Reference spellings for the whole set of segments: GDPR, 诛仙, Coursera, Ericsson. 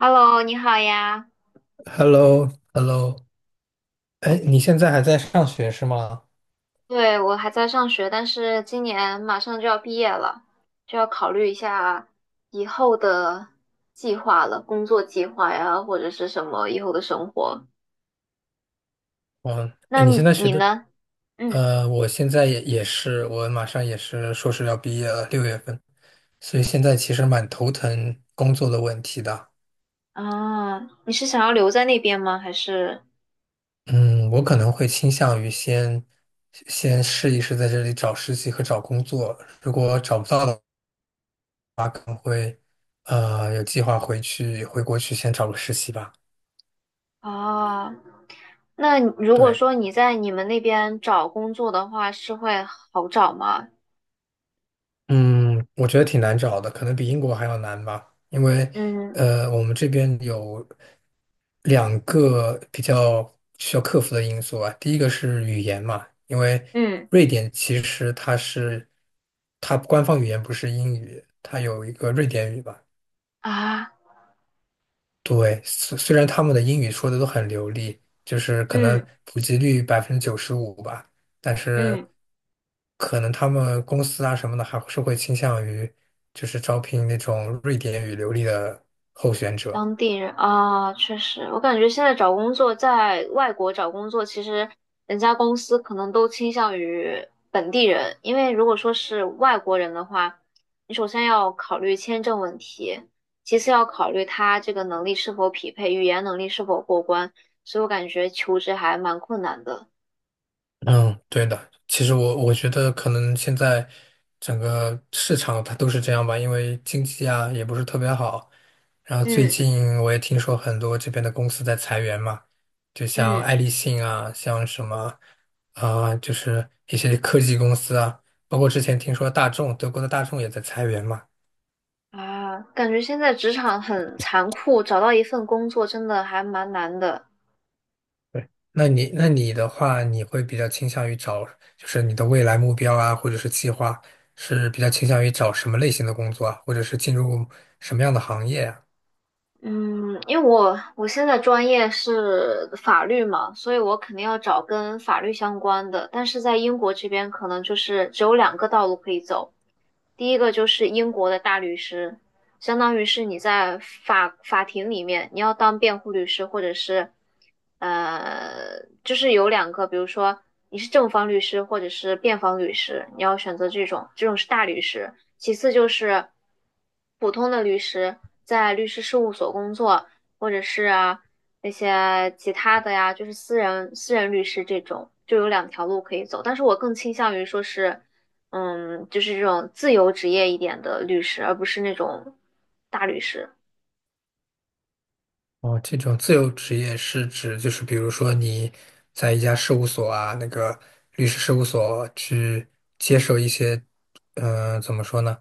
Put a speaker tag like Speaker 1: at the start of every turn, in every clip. Speaker 1: Hello，你好呀。
Speaker 2: h e l l o h e l l o 哎，你现在还在上学是吗？
Speaker 1: 对，我还在上学，但是今年马上就要毕业了，就要考虑一下以后的计划了，工作计划呀，或者是什么以后的生活。
Speaker 2: 嗯，哎
Speaker 1: 那
Speaker 2: 你现在学
Speaker 1: 你
Speaker 2: 的，
Speaker 1: 呢？嗯，
Speaker 2: 我现在也是，我马上也是硕士要毕业了，六月份，所以现在其实蛮头疼工作的问题的。
Speaker 1: 啊，你是想要留在那边吗？还是
Speaker 2: 嗯，我可能会倾向于先试一试在这里找实习和找工作，如果找不到的，有计划回国去先找个实习吧。
Speaker 1: 啊？那如果
Speaker 2: 对。
Speaker 1: 说你在你们那边找工作的话，是会好找吗？
Speaker 2: 嗯，我觉得挺难找的，可能比英国还要难吧，因为
Speaker 1: 嗯
Speaker 2: 我们这边有两个比较需要克服的因素啊。第一个是语言嘛，因为
Speaker 1: 嗯
Speaker 2: 瑞典其实它官方语言不是英语，它有一个瑞典语吧。
Speaker 1: 啊
Speaker 2: 对，虽然他们的英语说的都很流利，就是可能
Speaker 1: 嗯
Speaker 2: 普及率95%吧，但是
Speaker 1: 嗯。
Speaker 2: 可能他们公司啊什么的还是会倾向于就是招聘那种瑞典语流利的候选者。
Speaker 1: 当地人啊，确实，我感觉现在找工作，在外国找工作，其实人家公司可能都倾向于本地人，因为如果说是外国人的话，你首先要考虑签证问题，其次要考虑他这个能力是否匹配，语言能力是否过关，所以我感觉求职还蛮困难的。
Speaker 2: 嗯，对的。其实我觉得可能现在整个市场它都是这样吧，因为经济啊也不是特别好。然后最
Speaker 1: 嗯
Speaker 2: 近我也听说很多这边的公司在裁员嘛，就像
Speaker 1: 嗯
Speaker 2: 爱立信啊，像什么啊、就是一些科技公司啊，包括之前听说大众，德国的大众也在裁员嘛。
Speaker 1: 啊，感觉现在职场很残酷，找到一份工作真的还蛮难的。
Speaker 2: 对，那你的话，你会比较倾向于找，就是你的未来目标啊，或者是计划，是比较倾向于找什么类型的工作啊，或者是进入什么样的行业啊？
Speaker 1: 嗯，因为我现在专业是法律嘛，所以我肯定要找跟法律相关的。但是在英国这边，可能就是只有两个道路可以走，第一个就是英国的大律师，相当于是你在法庭里面，你要当辩护律师，或者是就是有两个，比如说你是正方律师或者是辩方律师，你要选择这种，这种是大律师。其次就是普通的律师，在律师事务所工作，或者是啊那些其他的呀，就是私人律师这种，就有两条路可以走。但是我更倾向于说是嗯，就是这种自由职业一点的律师，而不是那种大律师。
Speaker 2: 哦，这种自由职业是指就是比如说你在一家事务所啊，那个律师事务所去接受一些，嗯、怎么说呢，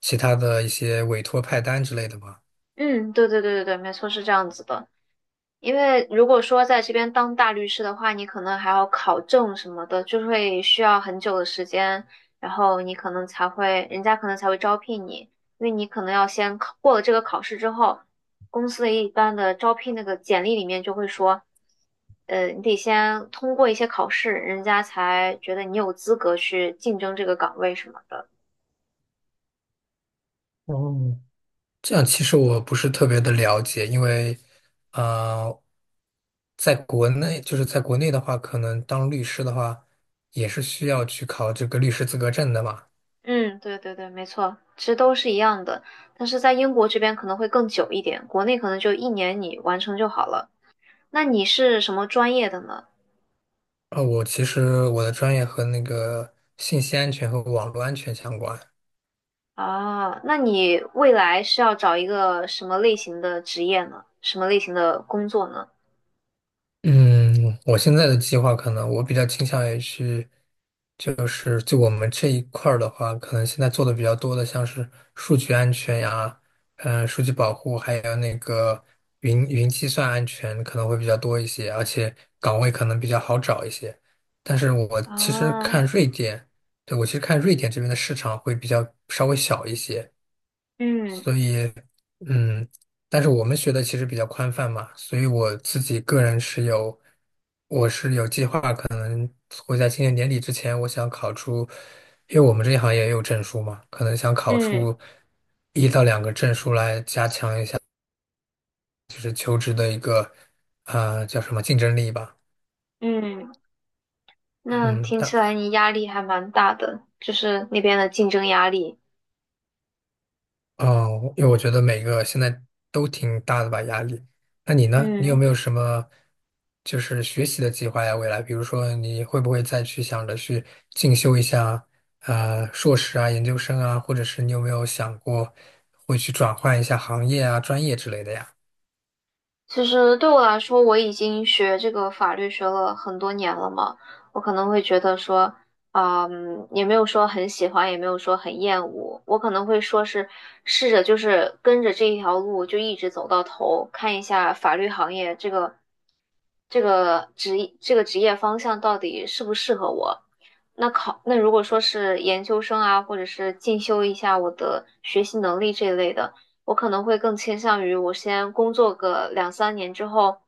Speaker 2: 其他的一些委托派单之类的吗？
Speaker 1: 嗯，对对对对对，没错，是这样子的。因为如果说在这边当大律师的话，你可能还要考证什么的，就会需要很久的时间，然后你可能才会，人家可能才会招聘你，因为你可能要先考过了这个考试之后，公司的一般的招聘那个简历里面就会说，你得先通过一些考试，人家才觉得你有资格去竞争这个岗位什么的。
Speaker 2: 哦。这样其实我不是特别的了解，因为，呃，在国内在国内的话，可能当律师的话，也是需要去考这个律师资格证的嘛。
Speaker 1: 嗯，对对对，没错，其实都是一样的，但是在英国这边可能会更久一点，国内可能就一年你完成就好了。那你是什么专业的呢？
Speaker 2: 啊，我其实我的专业和那个信息安全和网络安全相关，
Speaker 1: 啊，那你未来是要找一个什么类型的职业呢？什么类型的工作呢？
Speaker 2: 嗯，我现在的计划可能我比较倾向于去，就我们这一块儿的话，可能现在做的比较多的像是数据安全呀，嗯、数据保护，还有那个云计算安全可能会比较多一些，而且岗位可能比较好找一些。但是我其实
Speaker 1: 啊，
Speaker 2: 看瑞典，对，我其实看瑞典这边的市场会比较稍微小一些，
Speaker 1: 嗯
Speaker 2: 所以，嗯，但是我们学的其实比较宽泛嘛，所以我自己个人是有，我是有计划会在今年年底之前，我想考出，因为我们这一行业也有证书嘛，可能想考
Speaker 1: 嗯
Speaker 2: 出一到两个证书来加强一下，就是求职的一个，啊、叫什么竞争力吧，
Speaker 1: 嗯，那
Speaker 2: 嗯，
Speaker 1: 听起来你压力还蛮大的，就是那边的竞争压力。
Speaker 2: 哦，因为我觉得每个现在都挺大的吧压力。那你呢？你有没
Speaker 1: 嗯。
Speaker 2: 有什么就是学习的计划呀？未来，比如说你会不会再去想着去进修一下呃硕士啊、研究生啊，或者是你有没有想过会去转换一下行业啊、专业之类的呀？
Speaker 1: 其实对我来说，我已经学这个法律学了很多年了嘛，我可能会觉得说，啊嗯，也没有说很喜欢，也没有说很厌恶，我可能会说是试着就是跟着这一条路就一直走到头，看一下法律行业这个这个职这个职业方向到底适不适合我。那考，那如果说是研究生啊，或者是进修一下我的学习能力这一类的。我可能会更倾向于我先工作个两三年之后，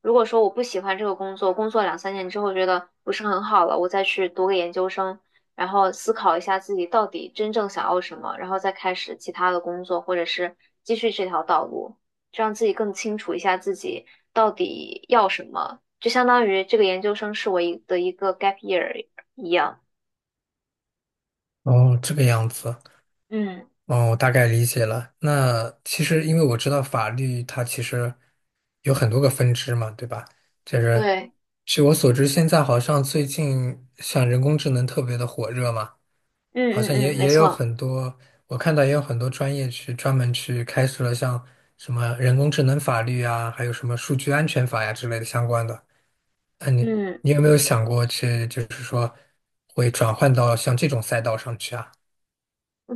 Speaker 1: 如果说我不喜欢这个工作，工作两三年之后觉得不是很好了，我再去读个研究生，然后思考一下自己到底真正想要什么，然后再开始其他的工作，或者是继续这条道路，这样自己更清楚一下自己到底要什么，就相当于这个研究生是我的一个 gap year 一样。
Speaker 2: 哦，这个样子。
Speaker 1: 嗯，
Speaker 2: 哦，我大概理解了。那其实，因为我知道法律它其实有很多个分支嘛，对吧？就是
Speaker 1: 对，
Speaker 2: 据我所知，现在好像最近像人工智能特别的火热嘛，
Speaker 1: 嗯
Speaker 2: 好
Speaker 1: 嗯
Speaker 2: 像也
Speaker 1: 嗯，没
Speaker 2: 也有
Speaker 1: 错，
Speaker 2: 很多，我看到也有很多专业去专门去开设了像什么人工智能法律啊，还有什么数据安全法呀之类的相关的。那你
Speaker 1: 嗯。
Speaker 2: 你有没有想过去，就是说会转换到像这种赛道上去啊？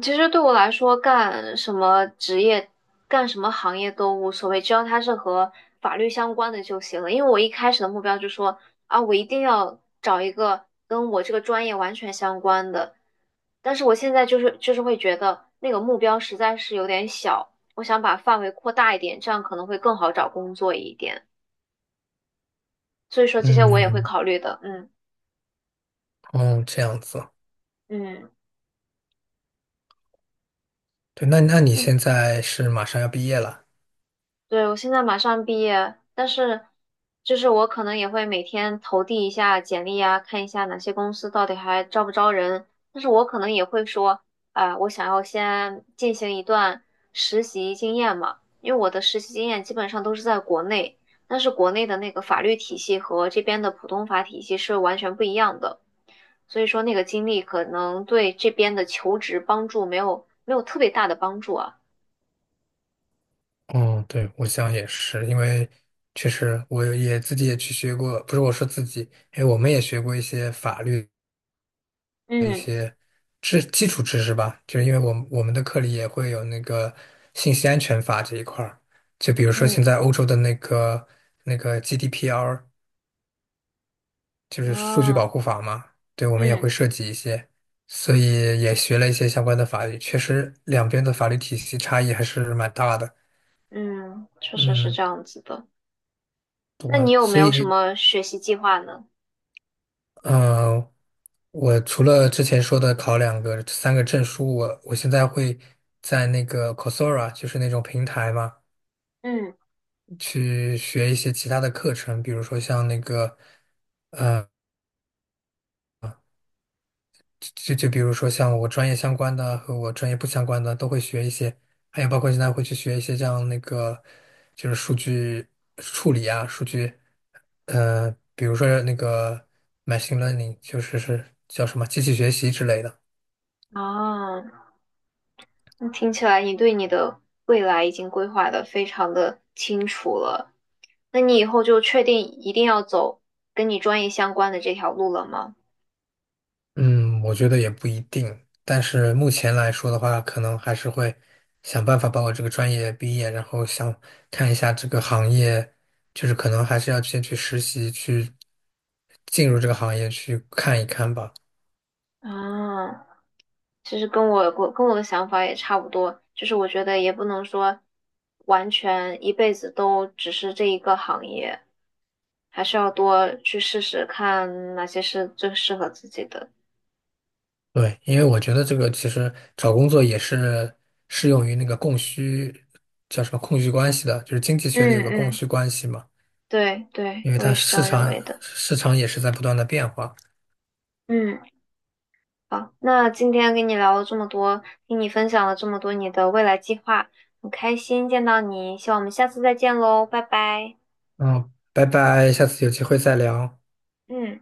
Speaker 1: 其实对我来说，干什么职业、干什么行业都无所谓，只要它是和法律相关的就行了。因为我一开始的目标就说啊，我一定要找一个跟我这个专业完全相关的。但是我现在就是会觉得那个目标实在是有点小，我想把范围扩大一点，这样可能会更好找工作一点。所以说这些我也会
Speaker 2: 嗯，
Speaker 1: 考虑的。嗯
Speaker 2: 哦，这样子。
Speaker 1: 嗯。
Speaker 2: 对，那你
Speaker 1: 嗯。
Speaker 2: 现在是马上要毕业了？
Speaker 1: 对，我现在马上毕业，但是就是我可能也会每天投递一下简历啊，看一下哪些公司到底还招不招人。但是我可能也会说，啊、我想要先进行一段实习经验嘛，因为我的实习经验基本上都是在国内，但是国内的那个法律体系和这边的普通法体系是完全不一样的，所以说那个经历可能对这边的求职帮助没有特别大的帮助啊。
Speaker 2: 嗯，对，我想也是，因为确实自己也去学过，不是我说自己，哎，我们也学过一些法律
Speaker 1: 嗯
Speaker 2: 基础知识吧，就是因为我们的课里也会有那个信息安全法这一块儿，就比如说现
Speaker 1: 嗯
Speaker 2: 在欧洲的那个 GDPR,就是数据保
Speaker 1: 啊。
Speaker 2: 护法嘛，对，我们也
Speaker 1: 嗯
Speaker 2: 会涉及一些，所以也学了一些相关的法律，确实两边的法律体系差异还是蛮大的。
Speaker 1: 嗯，确实是
Speaker 2: 嗯。
Speaker 1: 这样子的。那你
Speaker 2: 我
Speaker 1: 有没
Speaker 2: 所
Speaker 1: 有什
Speaker 2: 以，
Speaker 1: 么学习计划呢？
Speaker 2: 嗯、我除了之前说的考两个、三个证书，我现在会在那个 Coursera,就是那种平台嘛，
Speaker 1: 嗯，
Speaker 2: 去学一些其他的课程，比如说像那个，就比如说像我专业相关的和我专业不相关的都会学一些，还有包括现在会去学一些像那个，就是数据处理啊，数据，比如说那个 machine learning,就是叫什么机器学习之类的。
Speaker 1: 啊，那听起来你对你的未来已经规划的非常的清楚了。那你以后就确定一定要走跟你专业相关的这条路了吗？
Speaker 2: 嗯，我觉得也不一定，但是目前来说的话，可能还是会想办法把我这个专业毕业，然后想看一下这个行业，就是可能还是要先去实习，去进入这个行业去看一看吧。
Speaker 1: 啊，其实我跟我的想法也差不多，就是我觉得也不能说完全一辈子都只是这一个行业，还是要多去试试看哪些是最适合自己的。
Speaker 2: 对，因为我觉得这个其实找工作也是适用于那个供需，叫什么供需关系的，就是经济学里
Speaker 1: 嗯
Speaker 2: 有个供
Speaker 1: 嗯。
Speaker 2: 需关系嘛，
Speaker 1: 对对，
Speaker 2: 因为
Speaker 1: 我
Speaker 2: 它
Speaker 1: 也是这
Speaker 2: 市
Speaker 1: 样认
Speaker 2: 场
Speaker 1: 为的。
Speaker 2: 市场也是在不断的变化。
Speaker 1: 嗯，好，那今天跟你聊了这么多，听你分享了这么多你的未来计划，很开心见到你，希望我们下次再见喽，拜拜。
Speaker 2: 嗯，拜拜，下次有机会再聊。
Speaker 1: 嗯。